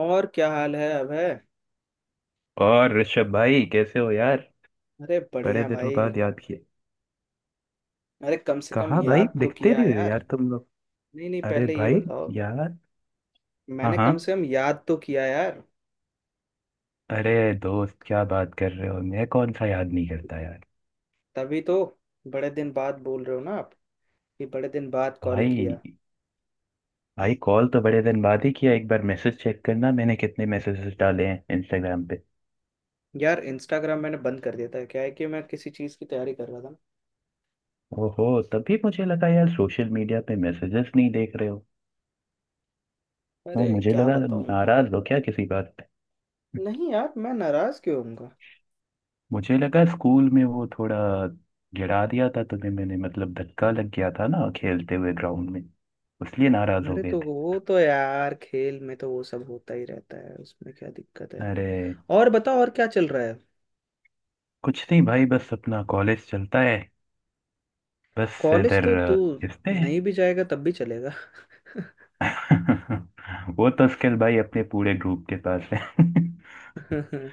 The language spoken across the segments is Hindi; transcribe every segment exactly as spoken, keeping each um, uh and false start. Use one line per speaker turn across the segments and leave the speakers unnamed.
और क्या हाल है अभय।
और ऋषभ भाई कैसे हो यार।
अरे
बड़े
बढ़िया
दिनों
भाई।
बाद याद किए।
अरे कम से कम
कहाँ भाई,
याद तो
दिखते
किया
नहीं हो
यार।
यार तुम लोग।
नहीं नहीं,
अरे
पहले ये
भाई
बताओ।
यार। हाँ
मैंने
हाँ।
कम से कम याद तो किया यार।
अरे दोस्त क्या बात कर रहे हो, मैं कौन सा याद नहीं करता यार।
तभी तो। बड़े दिन बाद बोल रहे हो ना आप, कि बड़े दिन बाद कॉल किया।
भाई, भाई कॉल तो बड़े दिन बाद ही किया, एक बार मैसेज चेक करना, मैंने कितने मैसेजेस डाले हैं इंस्टाग्राम पे।
यार इंस्टाग्राम मैंने बंद कर दिया था। क्या है कि मैं किसी चीज़ की तैयारी कर रहा था।
ओहो, तभी मुझे लगा यार सोशल मीडिया पे मैसेजेस नहीं देख रहे हो।
अरे
वो मुझे
क्या
लगा
बताऊं।
नाराज हो क्या किसी बात पे।
नहीं यार, मैं नाराज क्यों होऊंगा।
मुझे लगा स्कूल में वो थोड़ा गिरा दिया था तुम्हें मैंने, मतलब धक्का लग गया था ना खेलते हुए ग्राउंड में, इसलिए नाराज हो
अरे
गए
तो
थे।
वो तो यार खेल में तो वो सब होता ही रहता है, उसमें क्या दिक्कत है।
अरे।
और बताओ, और क्या चल रहा है।
कुछ नहीं भाई, बस अपना कॉलेज चलता है। बस
कॉलेज
इधर
तो तू
अ, खिसते हैं।
नहीं भी जाएगा तब भी चलेगा।
वो तो स्किल भाई अपने पूरे ग्रुप के पास है।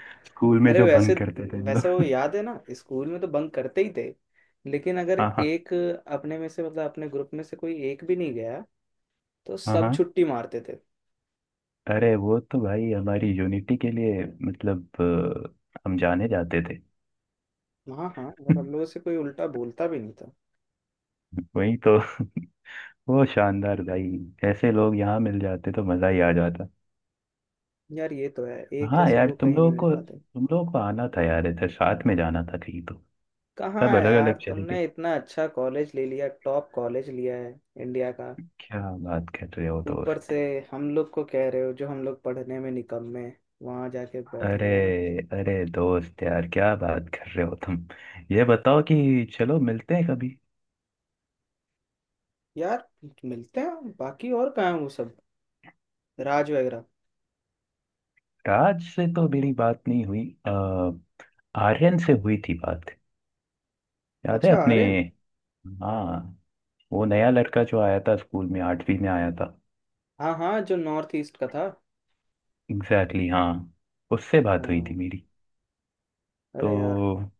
स्कूल में
अरे
जो
वैसे
भंग करते थे हम
वैसे वो
लोग।
याद है ना, स्कूल में तो बंक करते ही थे। लेकिन अगर
हाँ हाँ।
एक अपने में से मतलब अपने ग्रुप में से कोई एक भी नहीं गया तो
हाँ
सब
हाँ।
छुट्टी मारते थे।
अरे वो तो भाई हमारी यूनिटी के लिए, मतलब अ, हम जाने जाते थे।
हाँ हाँ। और हम लोगों से कोई उल्टा बोलता भी नहीं था।
वही तो। वो शानदार भाई। ऐसे लोग यहाँ मिल जाते तो मजा ही आ जाता।
यार ये तो है, एक
हाँ
जैसे
यार,
लोग
तुम
कहीं नहीं
लोगों
मिल
को
पाते।
तुम लोगों को आना था यार इधर, साथ में जाना था कहीं तो।
कहाँ
सब
है
अलग
यार,
अलग चले गए।
तुमने इतना अच्छा कॉलेज ले लिया, टॉप कॉलेज लिया है इंडिया का।
क्या बात कर रहे हो
ऊपर से
दोस्त।
हम लोग को कह रहे हो, जो हम लोग पढ़ने में निकम्मे वहां जाके
अरे।
बैठेंगे, है ना।
अरे दोस्त यार क्या बात कर रहे हो तुम। ये बताओ कि चलो मिलते हैं कभी।
यार मिलते हैं। बाकी और कहाँ है वो सब, राज वगैरह।
राज से तो मेरी बात नहीं हुई आ, आर्यन से हुई थी बात। याद है
अच्छा
अपने।
आर्यन।
हाँ। वो नया लड़का जो आया था स्कूल में, आठवीं में आया था।
हाँ हाँ, जो नॉर्थ ईस्ट का था।
एग्जैक्टली exactly, हाँ। उससे बात हुई थी
हाँ।
मेरी।
अरे यार
तो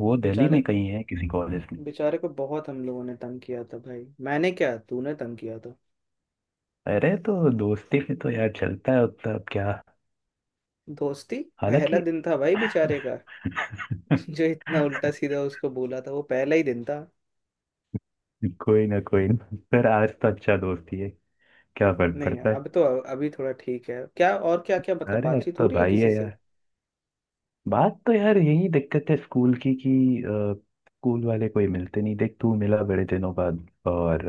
वो दिल्ली
बेचारे।
में कहीं है किसी कॉलेज में।
बेचारे को बहुत हम लोगों ने तंग किया था भाई। मैंने क्या, तूने तंग किया था।
अरे तो दोस्ती में तो यार चलता है उतना, अब क्या।
दोस्ती। पहला
हालांकि।
दिन था भाई बेचारे का। जो इतना उल्टा सीधा उसको बोला था, वो पहला ही दिन था।
कोई ना कोई ना। पर आज तो अच्छा दोस्ती है, क्या फर्क
नहीं यार,
पड़ता है।
अब तो अभी थोड़ा ठीक है क्या, और क्या क्या मतलब
अरे अब
बातचीत हो
तो
रही है
भाई
किसी
है
से।
यार। बात तो यार यही दिक्कत है स्कूल की कि अ, स्कूल वाले कोई मिलते नहीं, देख तू मिला बड़े दिनों बाद, और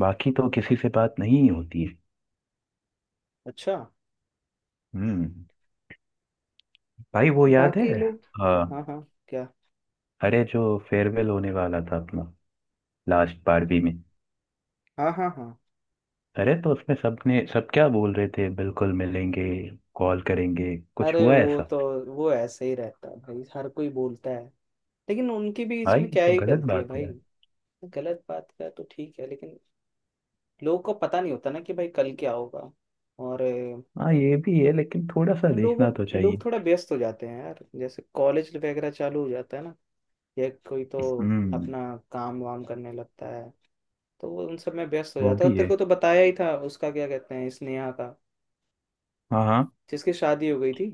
बाकी तो किसी से बात नहीं होती है।
अच्छा।
हम्म। भाई वो याद है।
बाकी लोग।
हाँ।
हाँ हाँ। क्या।
अरे जो फेयरवेल होने वाला था अपना लास्ट, बारहवीं में।
हाँ हाँ हाँ।
अरे तो उसमें सबने, सब क्या बोल रहे थे, बिल्कुल मिलेंगे, कॉल करेंगे, कुछ
अरे
हुआ
वो
ऐसा।
तो, वो ऐसे ही रहता है भाई, हर कोई बोलता है। लेकिन उनकी भी
हाँ
इसमें
ये
क्या
तो
ही
गलत
गलती है
बात है
भाई।
यार।
गलत बात का तो ठीक है लेकिन, लोगों को पता नहीं होता ना कि भाई कल क्या होगा। और अ,
हाँ ये भी है, लेकिन थोड़ा सा
लोगों
देखना तो
लोग
चाहिए।
थोड़ा व्यस्त हो जाते हैं यार, जैसे कॉलेज वगैरह चालू हो जाता है ना, या कोई तो
हम्म।
अपना काम वाम करने लगता है। तो वो उन सब में व्यस्त हो
वो
जाता है,
भी
और तेरे
है।
को तो बताया ही था उसका क्या कहते हैं स्नेहा का,
हाँ हाँ।
जिसकी शादी हो गई थी।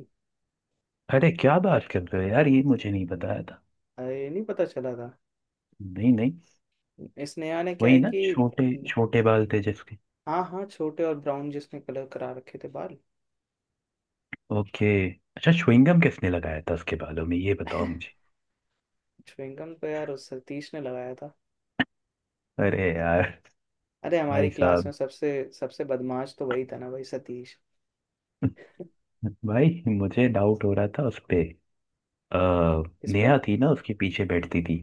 अरे क्या बात कर रहे हो यार, ये मुझे नहीं बताया था।
अरे नहीं पता चला था।
नहीं नहीं।
स्नेहा ने क्या
वही
है
ना,
कि,
छोटे छोटे बाल थे जिसके।
हाँ हाँ, छोटे और ब्राउन जिसने कलर करा रखे थे बाल।
ओके। अच्छा, च्युइंगम किसने लगाया था उसके बालों में, ये बताओ मुझे।
च्युइंगम तो यार उस सतीश ने लगाया था।
अरे यार।
अरे हमारी
भाई
क्लास में
साहब।
सबसे सबसे बदमाश तो वही था ना भाई, सतीश।
भाई मुझे डाउट हो रहा था उस पे। अ,
इस पे
नेहा थी ना, उसके पीछे बैठती थी।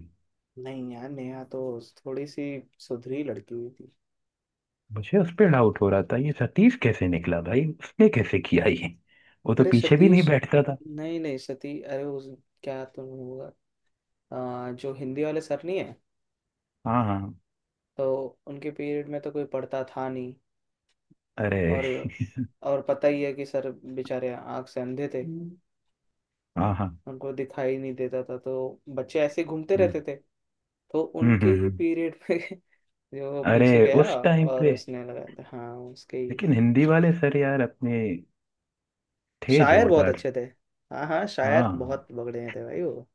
नहीं यार, नेहा तो थोड़ी सी सुधरी लड़की हुई थी।
मुझे उस पे डाउट हो रहा था, ये सतीश कैसे निकला भाई, उसने कैसे किया ये। वो तो
अरे
पीछे भी नहीं
सतीश,
बैठता था।
नहीं नहीं, सती अरे उस क्या तो होगा, आ, जो हिंदी वाले सर नहीं है,
हाँ हाँ।
तो उनके पीरियड में तो कोई पढ़ता था नहीं।
अरे।
और और पता ही है कि सर बेचारे आँख से अंधे थे,
हाँ हाँ।
उनको दिखाई नहीं देता था, तो बच्चे ऐसे ही घूमते
हम्म
रहते थे। तो
हम्म।
उनके
हम्म,
ही
हम्म।
पीरियड पे जो
अरे
पीछे गया
उस टाइम
और
पे,
उसने लगाया था, हाँ उसके ही।
लेकिन हिंदी वाले सर यार अपने थे
शायर बहुत
जोरदार।
अच्छे थे। हाँ हाँ, शायर
हाँ।
बहुत बगड़े थे भाई वो।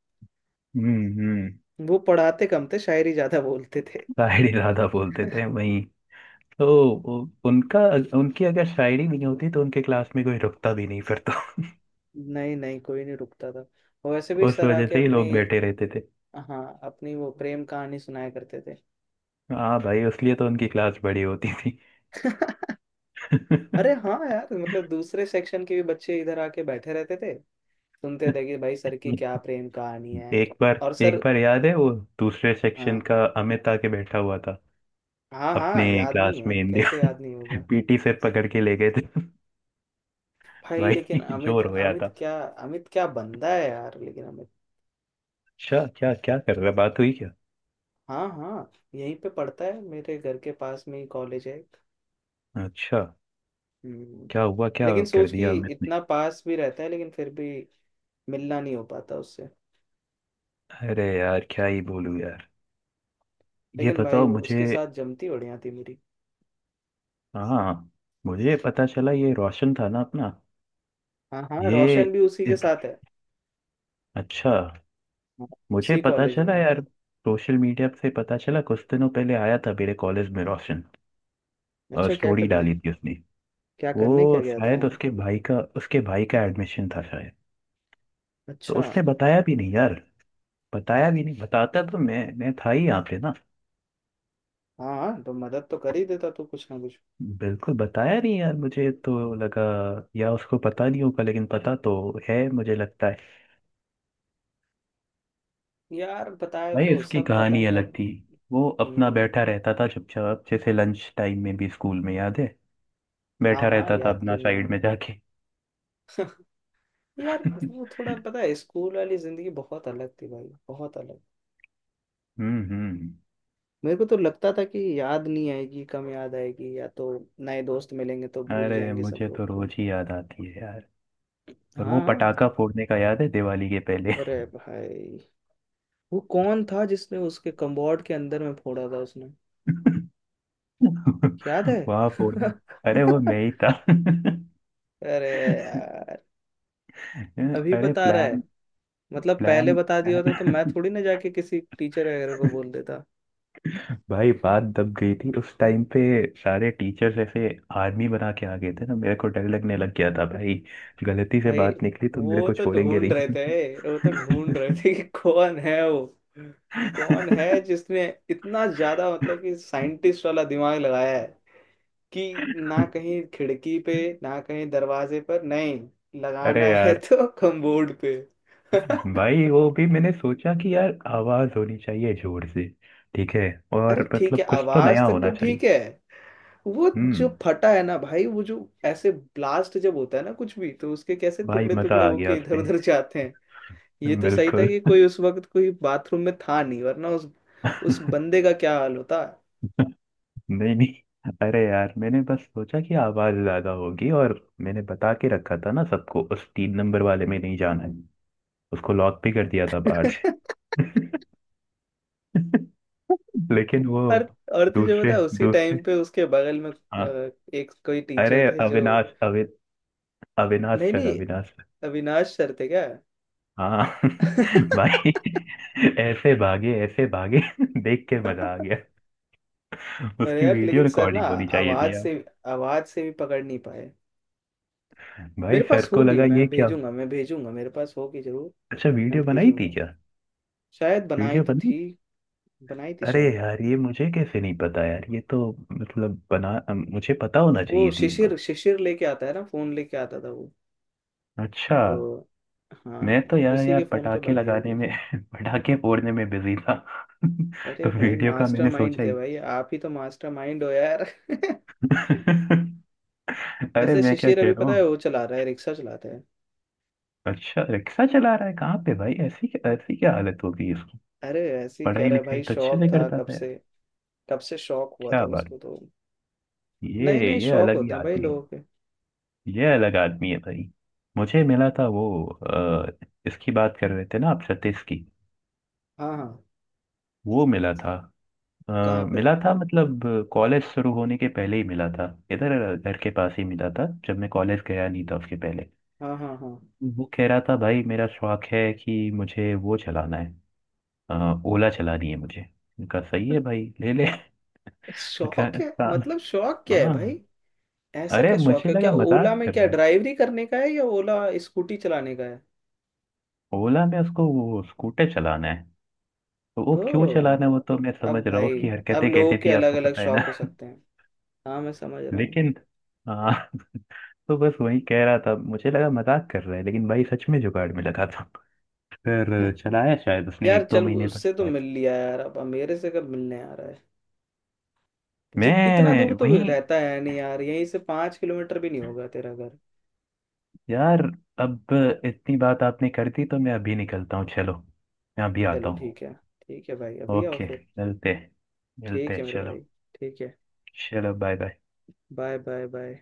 हम्म हम्म।
वो पढ़ाते कम थे, शायरी ज्यादा बोलते थे।
शायरी ज्यादा बोलते थे, वहीं तो। वो- उनका उनकी अगर शायरी भी नहीं होती तो उनके क्लास में कोई रुकता भी नहीं फिर तो।
नहीं नहीं, कोई नहीं रुकता था। और वैसे भी
उस
सर
वजह
आके
से ही
अपनी,
लोग बैठे रहते थे।
हाँ अपनी वो प्रेम कहानी सुनाया करते थे।
हाँ भाई, उसलिए तो उनकी क्लास बड़ी होती थी।
अरे
हम्म।
हाँ यार, मतलब दूसरे सेक्शन के भी बच्चे इधर आके बैठे रहते थे, सुनते थे कि भाई सर की क्या प्रेम कहानी है।
एक बार,
और
एक
सर।
बार याद है वो दूसरे सेक्शन
हाँ
का अमित आके बैठा हुआ था
हाँ
अपने
हाँ, याद नहीं
क्लास में।
है कैसे, याद नहीं
इंडिया
होगा।
पीटी से पकड़ के ले गए थे।
भाई लेकिन
भाई
अमित
जोर रोया
अमित
था।
क्या अमित क्या बंदा है यार, लेकिन अमित।
अच्छा, क्या क्या कर रहा है? बात हुई क्या।
हाँ हाँ, यहीं पे पढ़ता है, मेरे घर के पास में ही कॉलेज है।
अच्छा।
हम्म,
क्या हुआ, क्या
लेकिन
कर
सोच कि
दिया अमित ने।
इतना पास भी रहता है लेकिन फिर भी मिलना नहीं हो पाता उससे।
अरे यार क्या ही बोलूं यार। ये
लेकिन भाई
बताओ
वो
मुझे।
उसके साथ जमती बढ़िया थी मेरी।
हाँ। मुझे पता चला, ये रोशन था ना अपना।
हाँ हाँ,
ये
रोशन भी उसी के
इस-
साथ है।
अच्छा,
हाँ,
मुझे
उसी
पता
कॉलेज में
चला
है।
यार सोशल मीडिया से, पता चला कुछ दिनों पहले आया था मेरे कॉलेज में रोशन। और
अच्छा क्या
स्टोरी
करने।
डाली थी उसने।
क्या करने
वो
क्या गया था
शायद
वहाँ।
उसके भाई का उसके भाई का एडमिशन था शायद। तो
अच्छा।
उसने बताया भी नहीं यार। बताया भी नहीं, बताता तो मैं मैं था ही यहाँ पे ना।
हाँ हाँ, तो मदद तो कर ही देता तू कुछ ना कुछ।
बिल्कुल बताया नहीं यार, मुझे तो लगा या उसको पता नहीं होगा, लेकिन पता तो है मुझे लगता है।
यार बताया
भाई
तो,
उसकी
सब पता
कहानी
नहीं
अलग
अब।
थी। वो अपना
हम्म,
बैठा रहता था चुपचाप, जैसे लंच टाइम में भी स्कूल में, याद है,
हाँ
बैठा
हाँ
रहता था
याद
अपना
क्यों नहीं
साइड
है।
में जाके।
यार
हम्म
वो थोड़ा पता है, स्कूल वाली जिंदगी बहुत अलग थी भाई, बहुत अलग।
हम्म।
मेरे को तो लगता था कि याद नहीं आएगी, कम याद आएगी, या तो नए दोस्त मिलेंगे तो भूल
अरे
जाएंगे सब
मुझे
लोग
तो
को।
रोज ही याद आती है यार। और वो
हाँ।
पटाखा फोड़ने का याद है दिवाली के पहले।
अरे भाई वो कौन था, जिसने उसके कम्बोर्ड के अंदर में फोड़ा था उसने, याद है।
वहां फोड़ने। अरे वो मैं ही था।
अरे यार, अभी
अरे
बता रहा है,
प्लान,
मतलब पहले
प्लान,
बता दिया होता तो मैं
प्लान।
थोड़ी ना जाके किसी टीचर वगैरह को बोल देता।
भाई बात दब गई थी उस टाइम पे, सारे टीचर्स ऐसे आर्मी बना के आ गए थे ना, मेरे को डर लगने लग गया था भाई, गलती से
भाई
बात निकली तो मेरे
वो
को
तो
छोड़ेंगे
ढूंढ रहे
नहीं।
थे, वो तो ढूंढ रहे थे कि कौन है वो, कौन है जिसने इतना ज्यादा मतलब कि साइंटिस्ट वाला दिमाग लगाया है, कि ना कहीं खिड़की पे, ना कहीं दरवाजे पर, नहीं लगाना
अरे
है
यार।
तो कमबोर्ड पे।
भाई वो भी मैंने सोचा कि यार आवाज होनी चाहिए जोर से, ठीक है,
अरे
और
ठीक है,
मतलब कुछ तो
आवाज
नया
तक तो
होना चाहिए।
ठीक है। वो जो
हम्म।
फटा है ना भाई, वो जो ऐसे ब्लास्ट जब होता है ना कुछ भी, तो उसके कैसे
भाई
टुकड़े
मजा
टुकड़े
आ गया
होके इधर
उसपे।
उधर जाते। ये तो सही था
बिल्कुल।
कि कोई उस वक्त कोई बाथरूम में था नहीं, वरना उस उस बंदे का क्या हाल होता।
नहीं नहीं। अरे यार मैंने बस सोचा कि आवाज ज्यादा होगी, और मैंने बता के रखा था ना सबको, उस तीन नंबर वाले में नहीं जाना है। उसको लॉक भी कर दिया था बाहर से। लेकिन वो।
और और तुझे पता
दूसरे
है, उसी
दूसरे
टाइम पे उसके बगल में
हाँ।
अ, एक कोई
अरे
टीचर थे जो।
अविनाश अवि अविनाश
नहीं
सर,
नहीं,
अविनाश।
अविनाश सर थे क्या।
हाँ। भाई ऐसे भागे, ऐसे भागे। देख के मजा आ गया।
अरे
उसकी
यार,
वीडियो
लेकिन सर ना
रिकॉर्डिंग होनी चाहिए
आवाज
थी
से,
यार।
आवाज से भी पकड़ नहीं पाए।
भाई
मेरे
सर
पास
को
होगी,
लगा ये
मैं
क्या।
भेजूंगा, मैं भेजूंगा, मेरे पास होगी जरूर।
अच्छा,
मैं
वीडियो बनाई थी
भेजूंगा।
क्या।
शायद बनाई
वीडियो
तो
बनाई
थी।
थी?
बनाई थी
अरे
शायद।
यार ये मुझे कैसे नहीं पता यार, ये तो मतलब, बना, मुझे पता होना
वो
चाहिए थी ये
शिशिर,
बात।
शिशिर लेके आता है ना, फोन लेके आता था वो।
अच्छा।
तो
मैं
हाँ,
तो यार,
उसी
यार
के फोन पे
पटाखे
बनाई
लगाने
होगी।
में पटाखे फोड़ने में बिजी था।
अरे
तो
भाई
वीडियो का मैंने
मास्टरमाइंड
सोचा
थे
ही।
भाई, आप ही तो मास्टरमाइंड हो यार।
अरे
ऐसे
मैं क्या
शिशिर,
कह
अभी
रहा
पता है
हूँ।
वो चला रहा है, रिक्शा चलाता है।
अच्छा रिक्शा चला रहा है कहाँ पे भाई, ऐसी ऐसी क्या हालत हो गई इसकी।
अरे ऐसे ही कह
पढ़ाई
रहा है
लिखाई
भाई,
तो अच्छे
शौक
से
था
करता
कब
था यार।
से। कब से शौक हुआ था
क्या बात।
उसको तो। नए
ये
नए
ये
शौक
अलग ही
होते हैं भाई
आदमी।
लोगों के।
ये अलग आदमी है भाई। मुझे मिला था वो, अ, इसकी बात कर रहे थे ना आप सतीश की।
हाँ हाँ।
वो मिला था। अ,
कहाँ पे।
मिला था मतलब कॉलेज शुरू होने के पहले ही मिला था, इधर घर के पास ही मिला था, जब मैं कॉलेज गया नहीं था उसके पहले।
हाँ हाँ हाँ।
वो कह रहा था भाई मेरा शौक है कि मुझे वो चलाना है, अ, ओला चलानी है मुझे। उनका सही है भाई, ले ले। तो क्या
शौक है,
सा-
मतलब शौक क्या है भाई।
हाँ।
ऐसा
अरे
क्या शौक
मुझे
है, क्या
लगा
ओला
मजाक
में
कर
क्या
रहा है।
ड्राइवरी करने का है, या ओला स्कूटी चलाने का है।
ओला में उसको वो स्कूटर चलाना है, तो वो क्यों
ओ,
चलाना है, वो तो मैं
अब
समझ रहा हूँ
भाई,
उसकी
अब
हरकतें
लोगों
कैसी
के
थी,
अलग
आपको
अलग
पता है ना।
शौक हो सकते हैं। हाँ मैं समझ रहा हूँ।
लेकिन, हाँ, तो बस वही कह रहा था, मुझे लगा मजाक कर रहा है, लेकिन भाई सच में जुगाड़ में लगा था, फिर चलाया शायद उसने
यार
एक दो
चल,
महीने तक
उससे तो
चलाया।
मिल लिया यार, अब मेरे से कब मिलने आ रहा है। जित इतना
मैं
दूर तो
वही।
रहता है नहीं यार, यहीं से पाँच किलोमीटर भी नहीं होगा तेरा घर।
यार अब इतनी बात आपने कर दी तो मैं अभी निकलता हूँ, चलो मैं अभी
चलो
आता हूँ।
ठीक है। ठीक है भाई, अभी आओ
ओके।
फिर।
मिलते,
ठीक
मिलते।
है मेरे
चलो,
भाई। ठीक है।
चलो। Bye bye.
Bye bye bye.